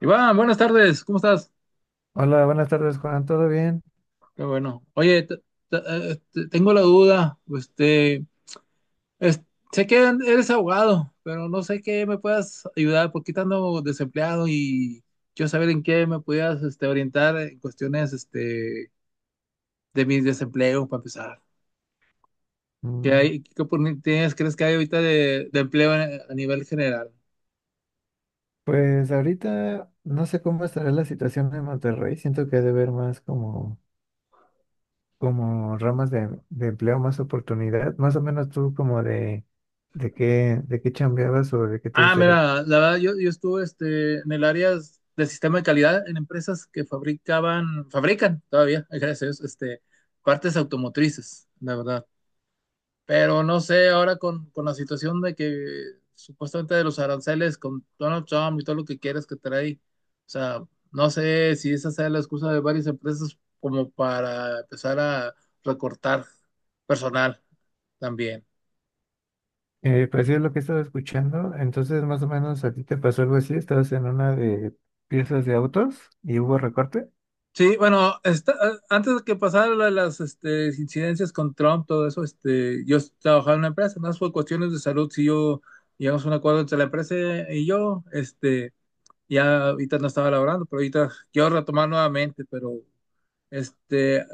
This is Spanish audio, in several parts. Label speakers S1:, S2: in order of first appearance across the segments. S1: Iván, buenas tardes, ¿cómo estás?
S2: Hola, buenas tardes, Juan. ¿Todo bien?
S1: Qué bueno. Oye, tengo la duda, es- sé que eres abogado, pero no sé qué me puedas ayudar, porque estando desempleado y quiero saber en qué me pudieras orientar en cuestiones de mi desempleo, para empezar. ¿Qué
S2: Mm.
S1: hay, qué oportunidades crees que hay ahorita de empleo a nivel general?
S2: Pues ahorita no sé cómo estará la situación en Monterrey. Siento que debe haber más como ramas de empleo, más oportunidad, más o menos tú como de qué chambeabas o de qué te
S1: Ah,
S2: gustaría.
S1: mira, la verdad, yo estuve en el área de sistema de calidad en empresas que fabrican todavía, gracias a Dios, partes automotrices, la verdad. Pero no sé, ahora con la situación de que supuestamente de los aranceles con Donald Trump y todo lo que quieras que trae, o sea, no sé si esa sea la excusa de varias empresas como para empezar a recortar personal también.
S2: Pues sí es lo que estaba escuchando, entonces más o menos a ti te pasó algo así, estabas en una de piezas de autos y hubo recorte.
S1: Sí, bueno, antes de que pasaran lo de las incidencias con Trump, todo eso, yo trabajaba en una empresa, más por cuestiones de salud, si yo llegamos a un acuerdo entre la empresa y yo, ya ahorita no estaba laborando, pero ahorita quiero retomar nuevamente, pero este,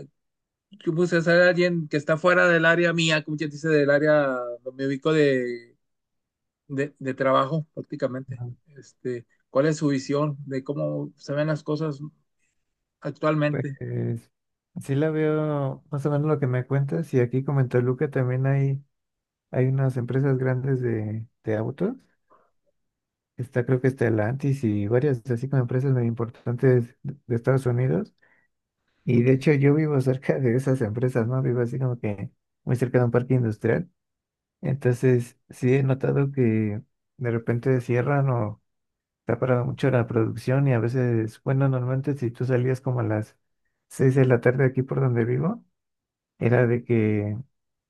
S1: yo puse a ser alguien que está fuera del área mía, como quien dice, del área donde me ubico de trabajo prácticamente.
S2: Ajá.
S1: ¿Cuál es su visión de cómo se ven las cosas
S2: Pues
S1: actualmente?
S2: sí la veo más o menos lo que me cuentas y aquí comentó en también hay unas empresas grandes de autos. Está creo que está Stellantis y varias así como empresas muy importantes de Estados Unidos. Y de hecho yo vivo cerca de esas empresas, ¿no? Vivo así como que muy cerca de un parque industrial. Entonces sí he notado que de repente cierran o está parada mucho la producción y a veces, bueno, normalmente si tú salías como a las 6 de la tarde aquí por donde vivo, era de que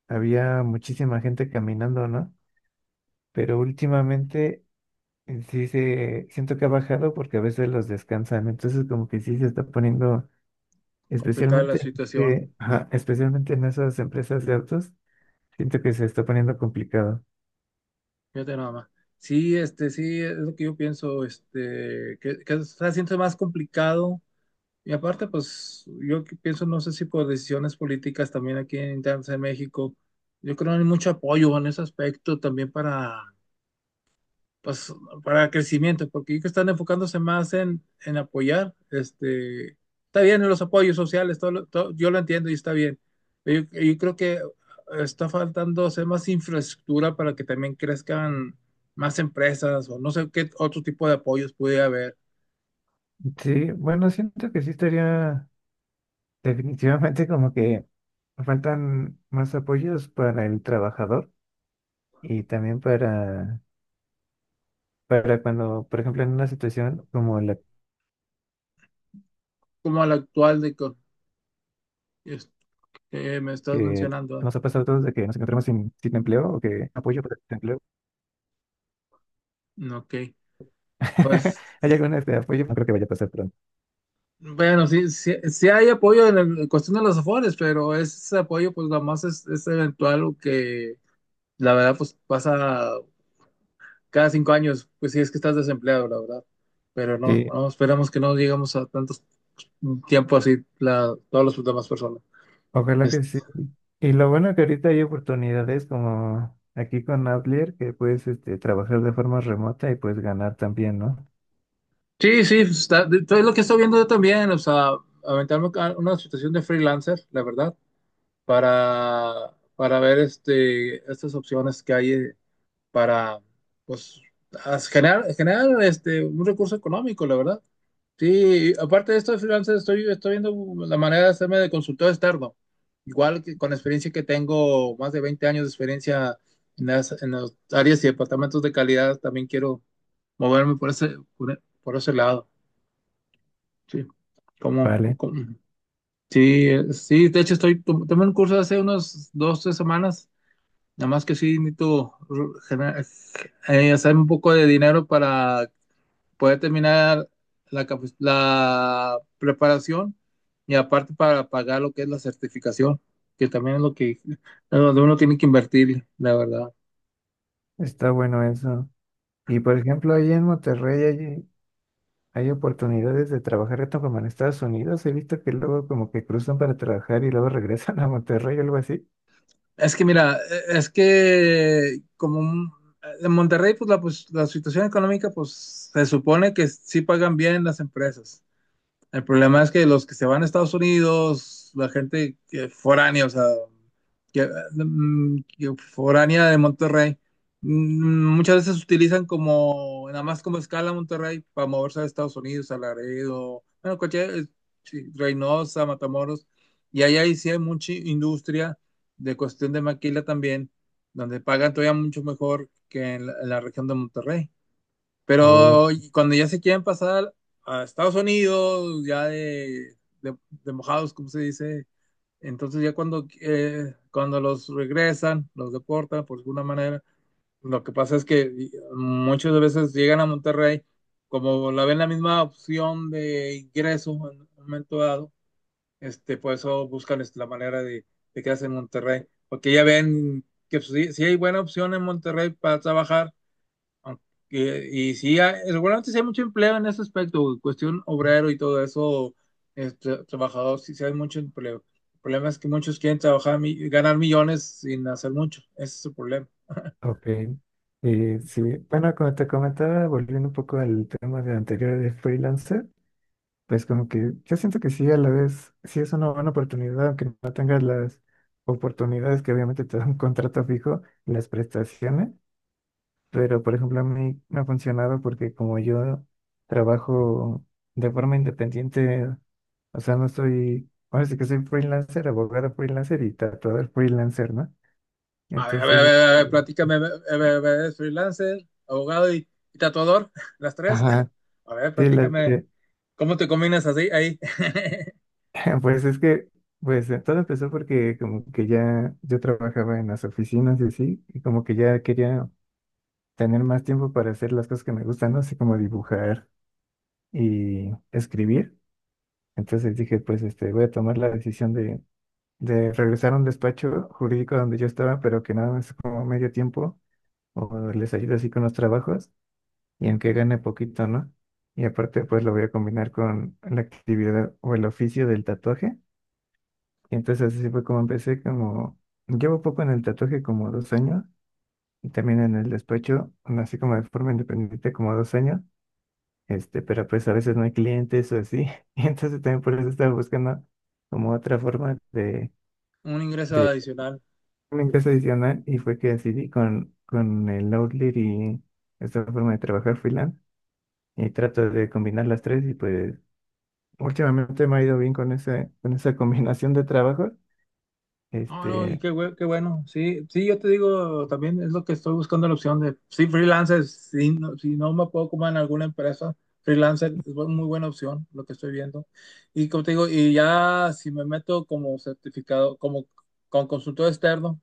S2: había muchísima gente caminando, ¿no? Pero últimamente siento que ha bajado porque a veces los descansan. Entonces como que sí se está poniendo.
S1: Complicada la
S2: Especialmente,
S1: situación.
S2: ajá, especialmente en esas empresas de autos, siento que se está poniendo complicado.
S1: Fíjate nada más. Sí, sí, es lo que yo pienso, que está haciendo más complicado. Y aparte, pues, yo que pienso, no sé si por decisiones políticas también aquí en internas en México, yo creo que no hay mucho apoyo en ese aspecto también para pues, para crecimiento, porque yo que están enfocándose más en apoyar, está bien en los apoyos sociales, todo, yo lo entiendo y está bien, pero yo creo que está faltando hacer más infraestructura para que también crezcan más empresas o no sé qué otro tipo de apoyos pudiera haber,
S2: Sí, bueno, siento que sí estaría definitivamente como que faltan más apoyos para el trabajador y también para cuando, por ejemplo, en una situación como la
S1: como el actual es- que me estás
S2: que
S1: mencionando.
S2: nos ha pasado a todos de que nos encontramos sin empleo o que apoyo para el empleo.
S1: ¿No? Ok, pues...
S2: Hay algún este apoyo, no creo que vaya a pasar pronto.
S1: Bueno, sí, sí, sí hay apoyo en, en cuestión de los afores, pero ese apoyo pues nada más es eventual o que la verdad, pues pasa cada 5 años, pues si es que estás desempleado, la verdad. Pero no,
S2: Sí.
S1: no, esperamos que no llegamos a tantos tiempo así, la, todas las demás personas.
S2: Ojalá que
S1: Es-
S2: sí. Y lo bueno que ahorita hay oportunidades como aquí con Outlier que puedes este, trabajar de forma remota y puedes ganar también, ¿no?
S1: sí, sí, pues, está, todo es lo que estoy viendo yo también, o sea, aventarme a una situación de freelancer, la verdad, para ver estas opciones que hay para, pues, generar un recurso económico, la verdad. Sí, y aparte de esto de freelancer, estoy viendo la manera de hacerme de consultor externo. Igual que con la experiencia que tengo, más de 20 años de experiencia en las áreas y departamentos de calidad, también quiero moverme por ese, por ese lado. Sí, como, co-
S2: Vale,
S1: como- sí, sí, de hecho tomé un curso hace unos 2, 3 semanas, nada más que sí necesito gener- hacer un poco de dinero para poder terminar la preparación y aparte para pagar lo que es la certificación, que también es lo que es donde uno tiene que invertir, la verdad.
S2: está bueno eso. Y por ejemplo, ahí en Monterrey hay, hay oportunidades de trabajar tanto como en Estados Unidos. He visto que luego como que cruzan para trabajar y luego regresan a Monterrey o algo así.
S1: Es que mira, es que en Monterrey, pues pues la situación económica, pues se supone que sí pagan bien las empresas. El problema es que los que se van a Estados Unidos, la gente que foránea, o sea, que, que foránea de Monterrey, muchas veces utilizan como, nada más como escala Monterrey para moverse a Estados Unidos, a Laredo, bueno, cualquier, sí, Reynosa, Matamoros, ahí sí hay mucha industria de cuestión de maquila también, donde pagan todavía mucho mejor que en la región de Monterrey.
S2: Oh,
S1: Pero cuando ya se quieren pasar a Estados Unidos, ya de mojados, como se dice, entonces ya cuando, cuando los regresan, los deportan por alguna manera, lo que pasa es que muchas veces llegan a Monterrey, como la ven la misma opción de ingreso en un momento dado, por eso buscan la manera de quedarse en Monterrey, porque ya ven que si, si hay buena opción en Monterrey para trabajar, y sí, seguramente sí hay mucho empleo en ese aspecto, cuestión obrero y todo eso, trabajador, sí, sí hay mucho empleo. El problema es que muchos quieren trabajar, ganar millones sin hacer mucho, ese es el problema.
S2: ok. Sí, bueno, como te comentaba, volviendo un poco al tema de anterior de freelancer. Pues como que yo siento que sí, a la vez, sí es una buena oportunidad, aunque no tengas las oportunidades que obviamente te da un contrato fijo, las prestaciones, pero por ejemplo a mí me ha funcionado porque como yo trabajo de forma independiente, o sea, no soy, ahora sí que soy freelancer, abogado freelancer y tatuador freelancer, ¿no?
S1: A ver, a ver, a
S2: Entonces,
S1: ver, a ver, platícame, a ver, a ver, a ver, ¿eres freelancer, abogado y tatuador, las tres?
S2: ajá,
S1: A ver,
S2: sí,
S1: platícame, ¿cómo te combinas así ahí?
S2: Pues es que, pues todo empezó porque como que ya yo trabajaba en las oficinas y así, y como que ya quería tener más tiempo para hacer las cosas que me gustan, ¿no? Así como dibujar y escribir. Entonces dije, pues este, voy a tomar la decisión de regresar a un despacho jurídico donde yo estaba, pero que nada más como medio tiempo, o les ayudo así con los trabajos, y aunque gane poquito, ¿no? Y aparte, pues lo voy a combinar con la actividad o el oficio del tatuaje. Y entonces así fue como empecé, como llevo poco en el tatuaje, como 2 años, y también en el despacho, así como de forma independiente, como 2 años, este, pero pues a veces no hay clientes o así, y entonces también por eso estaba buscando como otra forma
S1: Un ingreso
S2: de
S1: adicional.
S2: un ingreso adicional, y fue que decidí con el Outlier y esta forma de trabajar freelance, y trato de combinar las tres, y pues últimamente me ha ido bien con ese, con esa combinación de trabajo,
S1: No, no, y
S2: este,
S1: qué, qué bueno. Sí, sí, yo te digo, también es lo que estoy buscando la opción de, sí, freelancer, sí, si no me puedo como en alguna empresa, freelancer es muy buena opción, lo que estoy viendo. Y como te digo, y ya si me meto como certificado, como con consultor externo,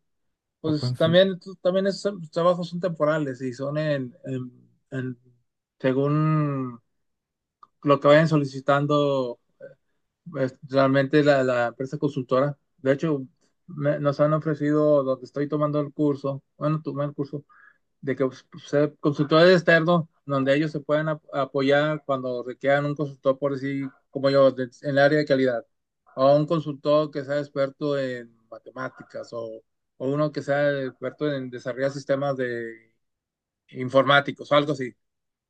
S2: o
S1: pues
S2: consultoría.
S1: también, también esos trabajos son temporales y son según lo que vayan solicitando pues, realmente la empresa consultora, de hecho, nos han ofrecido donde estoy tomando el curso, bueno, tomé el curso de que pues, pues, ser consultores externos, donde ellos se pueden apoyar cuando requieran un consultor, por decir, como yo, en el área de calidad, o un consultor que sea experto en matemáticas, o uno que sea experto en desarrollar sistemas de informáticos, o algo así.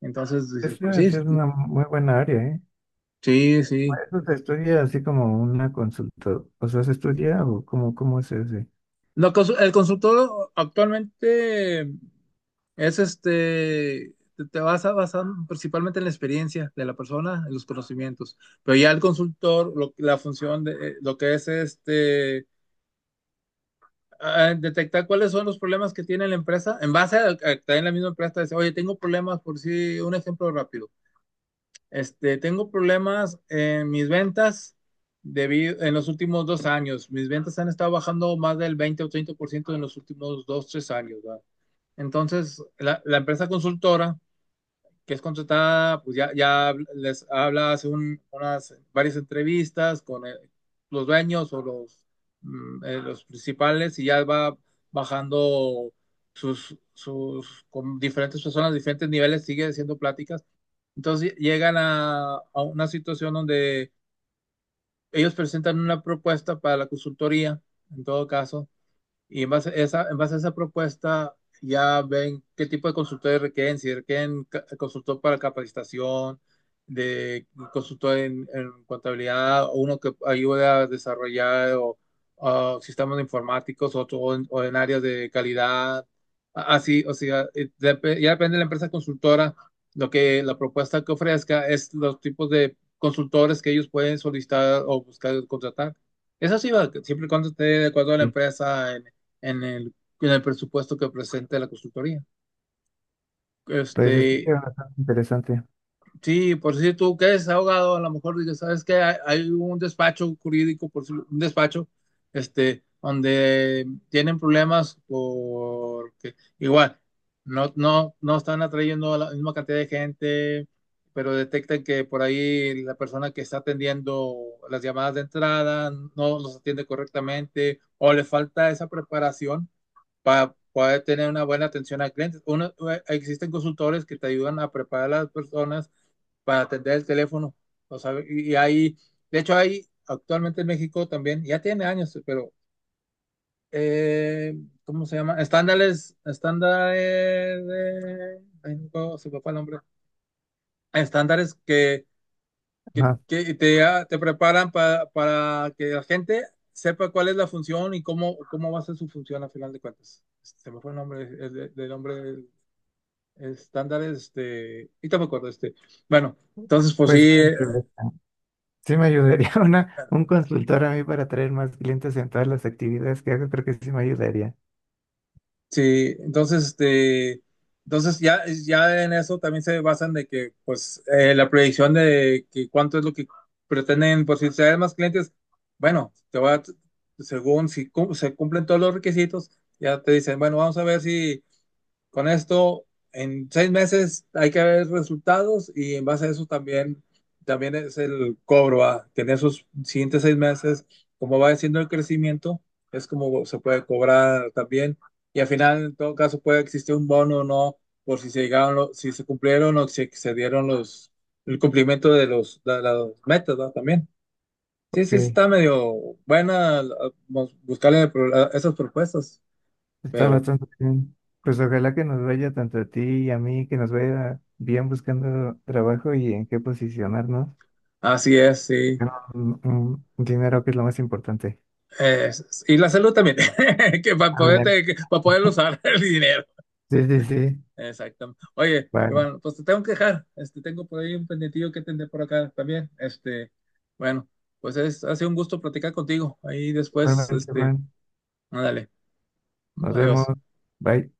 S1: Entonces
S2: Esa
S1: dices,
S2: es
S1: pues
S2: debe
S1: sí,
S2: ser
S1: sí,
S2: una muy buena área, ¿eh?
S1: sí, sí.
S2: ¿Eso se estudia así como una consulta? O sea, ¿se estudia o cómo es ese?
S1: El consultor actualmente es te vas a basar principalmente en la experiencia de la persona, en los conocimientos, pero ya el consultor, la función de lo que es ah, detectar cuáles son los problemas que tiene la empresa, en base también la misma empresa, dice, oye, tengo problemas por si, un ejemplo rápido. Tengo problemas en mis ventas debido, en los últimos 2 años. Mis ventas han estado bajando más del 20 o 30% en los últimos 2, 3 años, ¿verdad? Entonces, la empresa consultora que es contratada, pues ya les habla hace unas varias entrevistas con los dueños o los, los principales y ya va bajando con diferentes personas, diferentes niveles, sigue haciendo pláticas. Entonces llegan a una situación donde ellos presentan una propuesta para la consultoría, en todo caso y en base a esa, en base a esa propuesta, ya ven qué tipo de consultores requieren, si requieren consultor para capacitación, de consultor en contabilidad, o uno que ayude a desarrollar o sistemas informáticos, otro o en áreas de calidad. Así, o sea, ya depende de la empresa consultora, lo que la propuesta que ofrezca es los tipos de consultores que ellos pueden solicitar o buscar contratar. Eso sí va, siempre y cuando esté de acuerdo a la
S2: Sí.
S1: empresa en el, en el presupuesto que presente la consultoría.
S2: Pues se
S1: Este,
S2: escucha bastante interesante.
S1: sí, por si tú quedes ahogado, a lo mejor dices, ¿sabes qué? Hay un despacho jurídico, por si- un despacho, donde tienen problemas porque igual no están atrayendo a la misma cantidad de gente, pero detectan que por ahí la persona que está atendiendo las llamadas de entrada no los atiende correctamente o le falta esa preparación para poder tener una buena atención a clientes. Uno, existen consultores que te ayudan a preparar a las personas para atender el teléfono. O sea, de hecho, hay actualmente en México también, ya tiene años, pero, eh, ¿cómo se llama? Estándares, de, ay, no se me fue el nombre. Estándares
S2: Ajá.
S1: que te preparan para que la gente sepa cuál es la función cómo va a ser su función a final de cuentas. Se me fue el nombre, el nombre del estándares, y no me acuerdo, bueno, entonces pues sí,
S2: Pues sí me ayudaría una, un consultor a mí para traer más clientes en todas las actividades que hago, creo que sí me ayudaría.
S1: sí, entonces, entonces ya, ya en eso también se basan de que, pues, la proyección de que cuánto es lo que pretenden, por si traen más clientes, bueno, te va, según si se cumplen todos los requisitos, ya te dicen, bueno, vamos a ver si con esto, en 6 meses hay que ver resultados y en base a eso también, también es el cobro, a tener esos siguientes 6 meses, como va siendo el crecimiento, es como se puede cobrar también. Y al final, en todo caso, puede existir un bono o no, por si se llegaron, si se cumplieron o si excedieron el cumplimiento de las metas, ¿no? También. Sí, sí,
S2: Ok.
S1: está medio buena ah, buscarle a esas propuestas,
S2: Está
S1: pero
S2: bastante bien. Pues ojalá que nos vaya tanto a ti y a mí, que nos vaya bien buscando trabajo y en qué posicionarnos.
S1: así es, sí.
S2: Ganar un dinero que es lo más importante.
S1: Eh, y la salud también, que
S2: Ah, mira.
S1: para poder usar el dinero.
S2: Sí, sí, sí.
S1: Exacto. Oye,
S2: Bueno,
S1: Iván, pues te tengo que dejar. Este, tengo por ahí un pendientillo que atender por acá también. Este, bueno, pues es, ha sido un gusto platicar contigo. Ahí después,
S2: igualmente,
S1: este,
S2: Juan.
S1: ándale,
S2: Nos vemos.
S1: adiós.
S2: Bye.